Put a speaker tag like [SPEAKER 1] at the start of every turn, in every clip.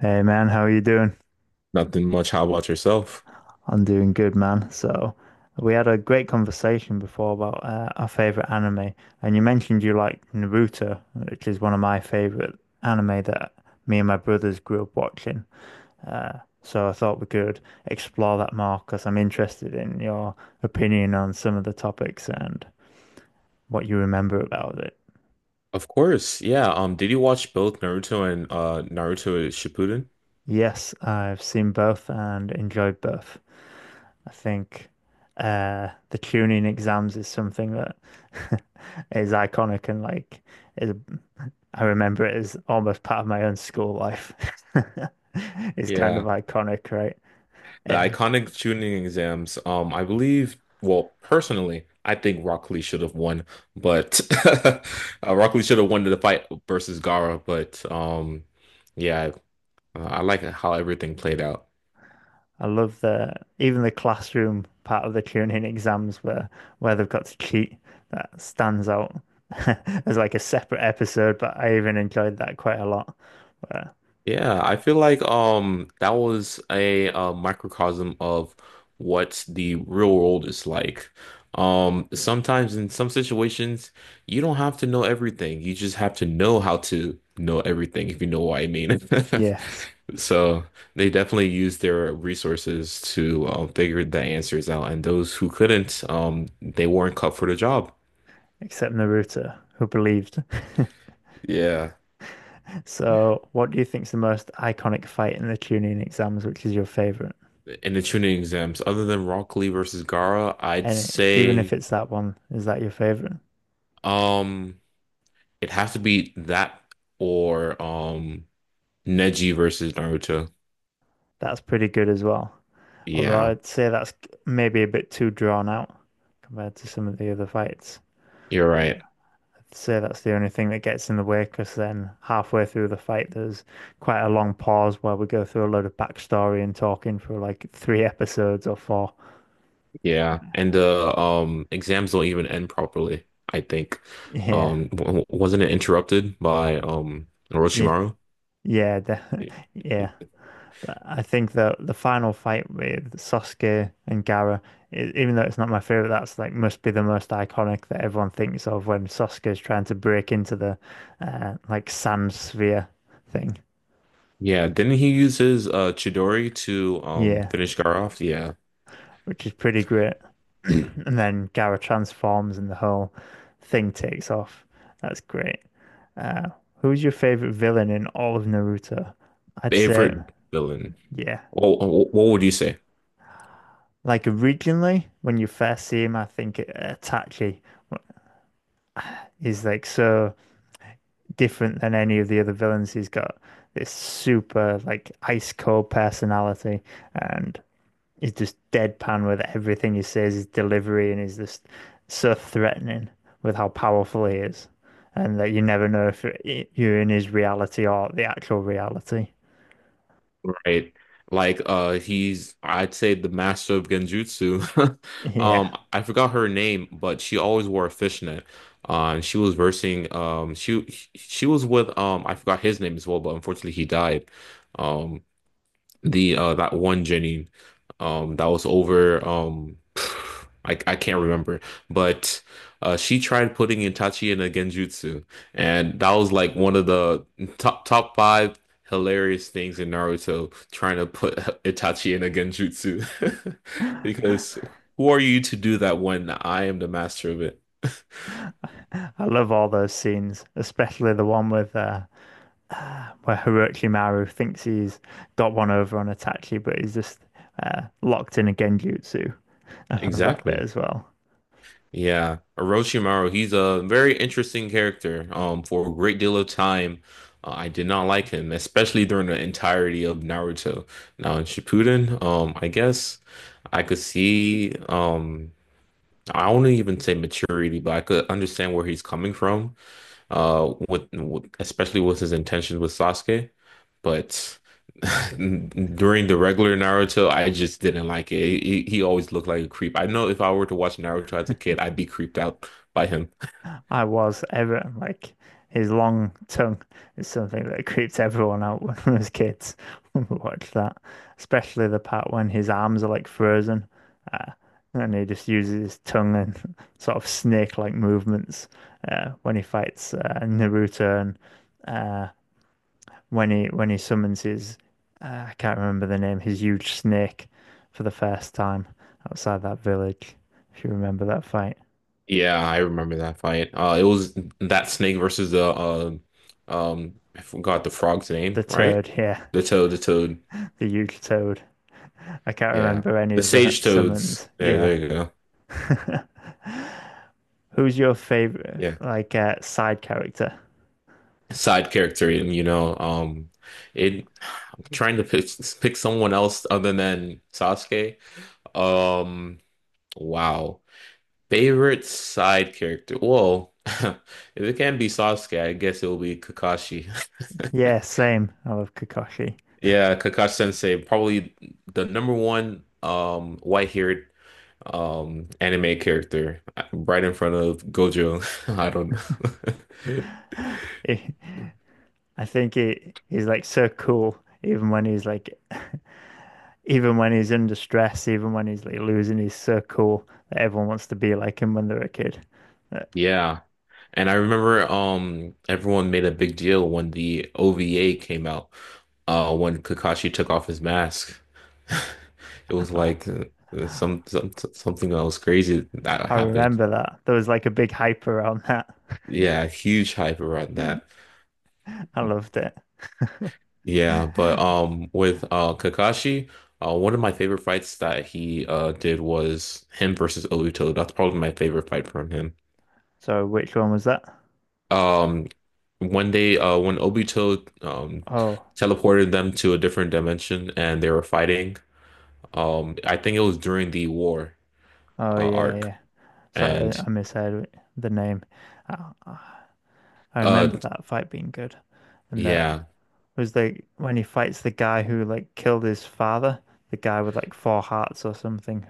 [SPEAKER 1] Hey man, how are you doing?
[SPEAKER 2] Nothing much. How about yourself?
[SPEAKER 1] I'm doing good, man. So, we had a great conversation before about our favorite anime, and you mentioned you like Naruto, which is one of my favorite anime that me and my brothers grew up watching. So I thought we could explore that more because I'm interested in your opinion on some of the topics and what you remember about it.
[SPEAKER 2] Of course. Yeah. Did you watch both Naruto and Naruto Shippuden?
[SPEAKER 1] Yes, I've seen both and enjoyed both. I think the tuning exams is something that is iconic and like is I remember it as almost part of my own school life. It's kind of
[SPEAKER 2] Yeah.
[SPEAKER 1] iconic, right?
[SPEAKER 2] The
[SPEAKER 1] Eh,
[SPEAKER 2] iconic Chunin exams. I believe, well, personally, I think Rock Lee should have won, but uh, Rock Lee should have won the fight versus Gaara, but yeah, I like how everything played out.
[SPEAKER 1] I love the even the classroom part of the tuning exams where they've got to cheat. That stands out as like a separate episode, but I even enjoyed that quite a lot. But
[SPEAKER 2] Yeah, I feel like that was a microcosm of what the real world is like. Sometimes in some situations, you don't have to know everything. You just have to know how to know everything, if you know what I mean.
[SPEAKER 1] yes.
[SPEAKER 2] So they definitely used their resources to figure the answers out, and those who couldn't, they weren't cut for the job.
[SPEAKER 1] Except Naruto, who believed.
[SPEAKER 2] Yeah.
[SPEAKER 1] So, what do you think is the most iconic fight in the Chunin exams, which is your favorite?
[SPEAKER 2] In the tuning exams, other than Rock Lee versus Gara, I'd
[SPEAKER 1] And even if
[SPEAKER 2] say.
[SPEAKER 1] it's that one, is that your favorite?
[SPEAKER 2] Um, It has to be that or Neji versus Naruto.
[SPEAKER 1] That's pretty good as well. Although
[SPEAKER 2] Yeah,
[SPEAKER 1] I'd say that's maybe a bit too drawn out compared to some of the other fights.
[SPEAKER 2] you're right.
[SPEAKER 1] I'd say that's the only thing that gets in the way because then halfway through the fight, there's quite a long pause where we go through a load of backstory and talking for like three episodes or four.
[SPEAKER 2] Yeah, and the exams don't even end properly, I think.
[SPEAKER 1] Yeah,
[SPEAKER 2] Wasn't it interrupted by
[SPEAKER 1] yeah,
[SPEAKER 2] Orochimaru?
[SPEAKER 1] yeah, yeah. But I think that the final fight with Sasuke and Gaara, even though it's not my favorite, that's like must be the most iconic that everyone thinks of when Sasuke is trying to break into the like sand sphere thing.
[SPEAKER 2] Yeah, didn't he use his Chidori to
[SPEAKER 1] Yeah,
[SPEAKER 2] finish Gaara off? Yeah.
[SPEAKER 1] which is pretty great. And then Gaara transforms and the whole thing takes off. That's great. Uh, Who's your favorite villain in all of Naruto? I'd say,
[SPEAKER 2] Favorite villain.
[SPEAKER 1] yeah.
[SPEAKER 2] What, what would you say?
[SPEAKER 1] Like originally, when you first see him, I think Itachi. He's like so different than any of the other villains. He's got this super like ice cold personality and he's just deadpan with everything he says, his delivery, and he's just so threatening with how powerful he is. And that you never know if you're in his reality or the actual reality.
[SPEAKER 2] Right? Like he's I'd say the master of genjutsu.
[SPEAKER 1] Yeah.
[SPEAKER 2] I forgot her name, but she always wore a fishnet. And she was versing she was with I forgot his name as well, but unfortunately he died. Um the that one Jenny that was over I can't remember but she tried putting Itachi in a genjutsu, and that was like one of the top five hilarious things in Naruto, trying to put Itachi in a genjutsu because who are you to do that when I am the master of it?
[SPEAKER 1] I love all those scenes, especially the one with where Hiroki Maru thinks he's got one over on Itachi, but he's just locked in a genjutsu. I love that bit
[SPEAKER 2] Exactly.
[SPEAKER 1] as well.
[SPEAKER 2] Yeah, Orochimaru, he's a very interesting character. For a great deal of time, I did not like him, especially during the entirety of Naruto. Now in Shippuden, I guess I could see, I wouldn't even say maturity, but I could understand where he's coming from with especially with his intentions with Sasuke. But during the regular Naruto, I just didn't like it. He always looked like a creep. I know if I were to watch Naruto as a kid, I'd be creeped out by him.
[SPEAKER 1] I was ever like his long tongue is something that creeps everyone out when we was kids. Watch that, especially the part when his arms are like frozen, uh, and he just uses his tongue and sort of snake-like movements when he fights Naruto and uh, when he summons his I can't remember the name, his huge snake for the first time outside that village. If you remember that fight.
[SPEAKER 2] Yeah, I remember that fight. It was that snake versus the I forgot the frog's
[SPEAKER 1] The
[SPEAKER 2] name, right?
[SPEAKER 1] toad, yeah,
[SPEAKER 2] The toad.
[SPEAKER 1] the huge toad. I can't
[SPEAKER 2] Yeah,
[SPEAKER 1] remember any
[SPEAKER 2] the
[SPEAKER 1] of the
[SPEAKER 2] sage toads.
[SPEAKER 1] summons.
[SPEAKER 2] There,
[SPEAKER 1] Yeah.
[SPEAKER 2] there you go.
[SPEAKER 1] Who's your favorite
[SPEAKER 2] Yeah.
[SPEAKER 1] like side character?
[SPEAKER 2] Side character, and you know it I'm trying to pick someone else other than Sasuke. um wow, favorite side character. Whoa. If it can't be Sasuke, I guess it'll be Kakashi.
[SPEAKER 1] Yeah, same. I love Kakashi.
[SPEAKER 2] Yeah, Kakashi Sensei, probably the number one white-haired anime character, right in front of Gojo. I don't know.
[SPEAKER 1] If, I think he's like so cool, even when he's like, even when he's under stress, even when he's like losing, he's so cool that everyone wants to be like him when they're a kid. Uh,
[SPEAKER 2] Yeah. And I remember everyone made a big deal when the OVA came out, when Kakashi took off his mask. It was like something that was crazy that
[SPEAKER 1] I
[SPEAKER 2] happened.
[SPEAKER 1] remember that. There was like a big hype around that.
[SPEAKER 2] Yeah, huge hype around that.
[SPEAKER 1] I loved it.
[SPEAKER 2] Yeah, but with Kakashi, one of my favorite fights that he did was him versus Obito. That's probably my favorite fight from him.
[SPEAKER 1] So which one was that?
[SPEAKER 2] Um, when they when Obito
[SPEAKER 1] Oh,
[SPEAKER 2] teleported them to a different dimension and they were fighting, I think it was during the war
[SPEAKER 1] oh yeah,
[SPEAKER 2] arc.
[SPEAKER 1] yeah. Sorry, I
[SPEAKER 2] And
[SPEAKER 1] I misheard the name. I
[SPEAKER 2] uh
[SPEAKER 1] remember that fight being good, and that.
[SPEAKER 2] yeah,
[SPEAKER 1] It was like when he fights the guy who like killed his father, the guy with like four hearts or something.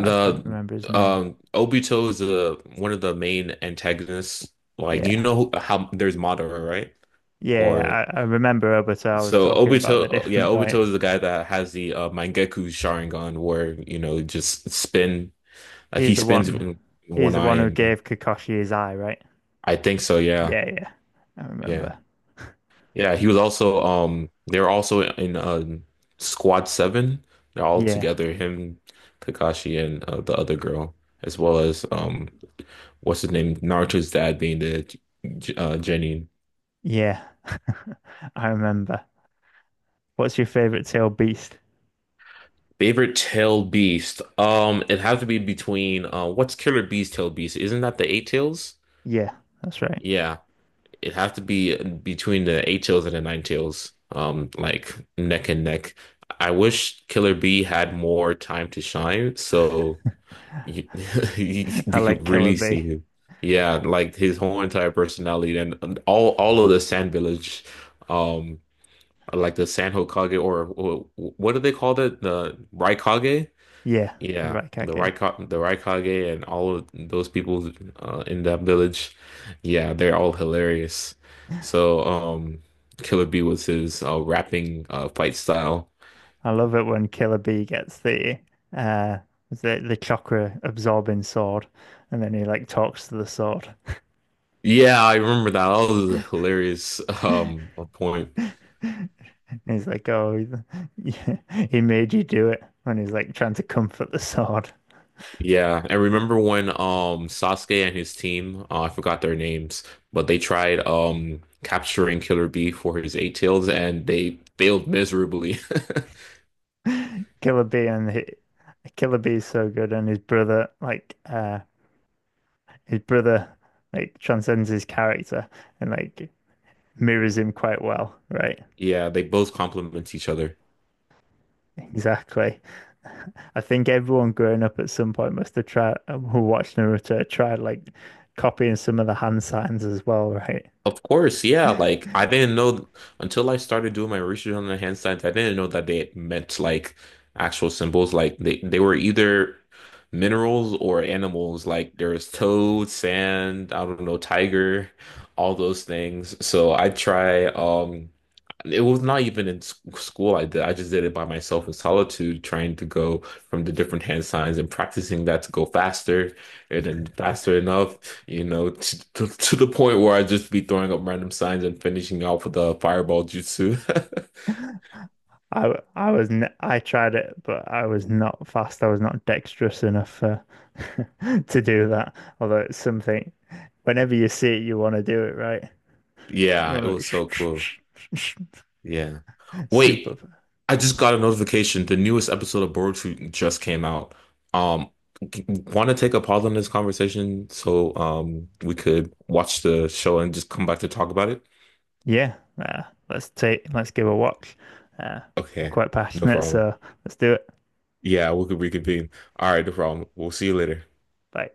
[SPEAKER 1] I couldn't remember his name.
[SPEAKER 2] Obito is, one of the main antagonists. Like, you
[SPEAKER 1] Yeah.
[SPEAKER 2] know how there's Madara, right?
[SPEAKER 1] Yeah,
[SPEAKER 2] Or
[SPEAKER 1] yeah, I remember Obito. I was
[SPEAKER 2] so
[SPEAKER 1] talking about the
[SPEAKER 2] Obito, yeah,
[SPEAKER 1] different
[SPEAKER 2] Obito
[SPEAKER 1] fight.
[SPEAKER 2] is the guy that has the Mangekyou Sharingan, where, you know, just spin, he
[SPEAKER 1] He's the
[SPEAKER 2] spins
[SPEAKER 1] one.
[SPEAKER 2] in
[SPEAKER 1] He's
[SPEAKER 2] one
[SPEAKER 1] the
[SPEAKER 2] eye
[SPEAKER 1] one who
[SPEAKER 2] and.
[SPEAKER 1] gave Kakashi his eye, right?
[SPEAKER 2] I think so. Yeah,
[SPEAKER 1] Yeah, yeah. I
[SPEAKER 2] yeah,
[SPEAKER 1] remember.
[SPEAKER 2] yeah. He was also. They were also in Squad Seven. They're all
[SPEAKER 1] Yeah.
[SPEAKER 2] together. Him, Kakashi, and the other girl, as well as what's his name? Naruto's dad being the Genin.
[SPEAKER 1] Yeah. I remember. What's your favorite tail beast?
[SPEAKER 2] Favorite tail beast. It has to be between what's Killer Bee's tail beast? Isn't that the eight tails?
[SPEAKER 1] Yeah, that's right.
[SPEAKER 2] Yeah. It'd have to be between the eight tails and the nine tails, like neck and neck. I wish Killer B had more time to shine, so you,
[SPEAKER 1] I
[SPEAKER 2] we could
[SPEAKER 1] like Killer
[SPEAKER 2] really see
[SPEAKER 1] Bee.
[SPEAKER 2] him. Yeah, like his whole entire personality, and all of the Sand Village, um, like the San Hokage, or what do they call it? The Raikage?
[SPEAKER 1] Yeah, the
[SPEAKER 2] Yeah,
[SPEAKER 1] Rat Cat
[SPEAKER 2] the
[SPEAKER 1] game.
[SPEAKER 2] Raikage, the Raikage and all of those people in that village, yeah, they're all hilarious. So, Killer Bee was his rapping, fight style.
[SPEAKER 1] I love it when Killer Bee gets the uh the chakra absorbing sword, and then he like talks to the sword.
[SPEAKER 2] Yeah, I remember that. That was a hilarious point.
[SPEAKER 1] And he's like, "Oh, he he made you do it." When he's like trying to comfort the sword,
[SPEAKER 2] Yeah, and remember when Sasuke and his team, I forgot their names, but they tried capturing Killer Bee for his eight tails and they failed miserably.
[SPEAKER 1] Killer Bee and he, Killer Bee is so good, and his brother like transcends his character and like mirrors him quite well, right?
[SPEAKER 2] Yeah, they both complement each other.
[SPEAKER 1] Exactly. I think everyone growing up at some point must have tried, who watched Naruto, tried like copying some of the hand signs as well, right?
[SPEAKER 2] Of course, yeah. Like I didn't know until I started doing my research on the hand signs, I didn't know that they meant like actual symbols. Like they were either minerals or animals. Like there was toad, sand, I don't know, tiger, all those things. So I try it was not even in school I did. I just did it by myself in solitude, trying to go from the different hand signs and practicing that to go faster, and then faster enough, you know, to the point where I'd just be throwing up random signs and finishing off with a fireball jutsu.
[SPEAKER 1] I was n I tried it, but I was not fast. I was not dexterous enough to do that. Although it's something, whenever you see it, you want to do it, right? You
[SPEAKER 2] Yeah, it
[SPEAKER 1] want
[SPEAKER 2] was so cool.
[SPEAKER 1] to
[SPEAKER 2] Yeah.
[SPEAKER 1] super.
[SPEAKER 2] Wait, I just got a notification. The newest episode of Boruto just came out. Um, want to take a pause on this conversation so we could watch the show and just come back to talk about it?
[SPEAKER 1] Yeah, uh, let's take let's give a watch. Uh, we're
[SPEAKER 2] Okay,
[SPEAKER 1] quite
[SPEAKER 2] no
[SPEAKER 1] passionate,
[SPEAKER 2] problem.
[SPEAKER 1] so let's do it.
[SPEAKER 2] Yeah, we could reconvene. All right, no problem. We'll see you later.
[SPEAKER 1] Bye.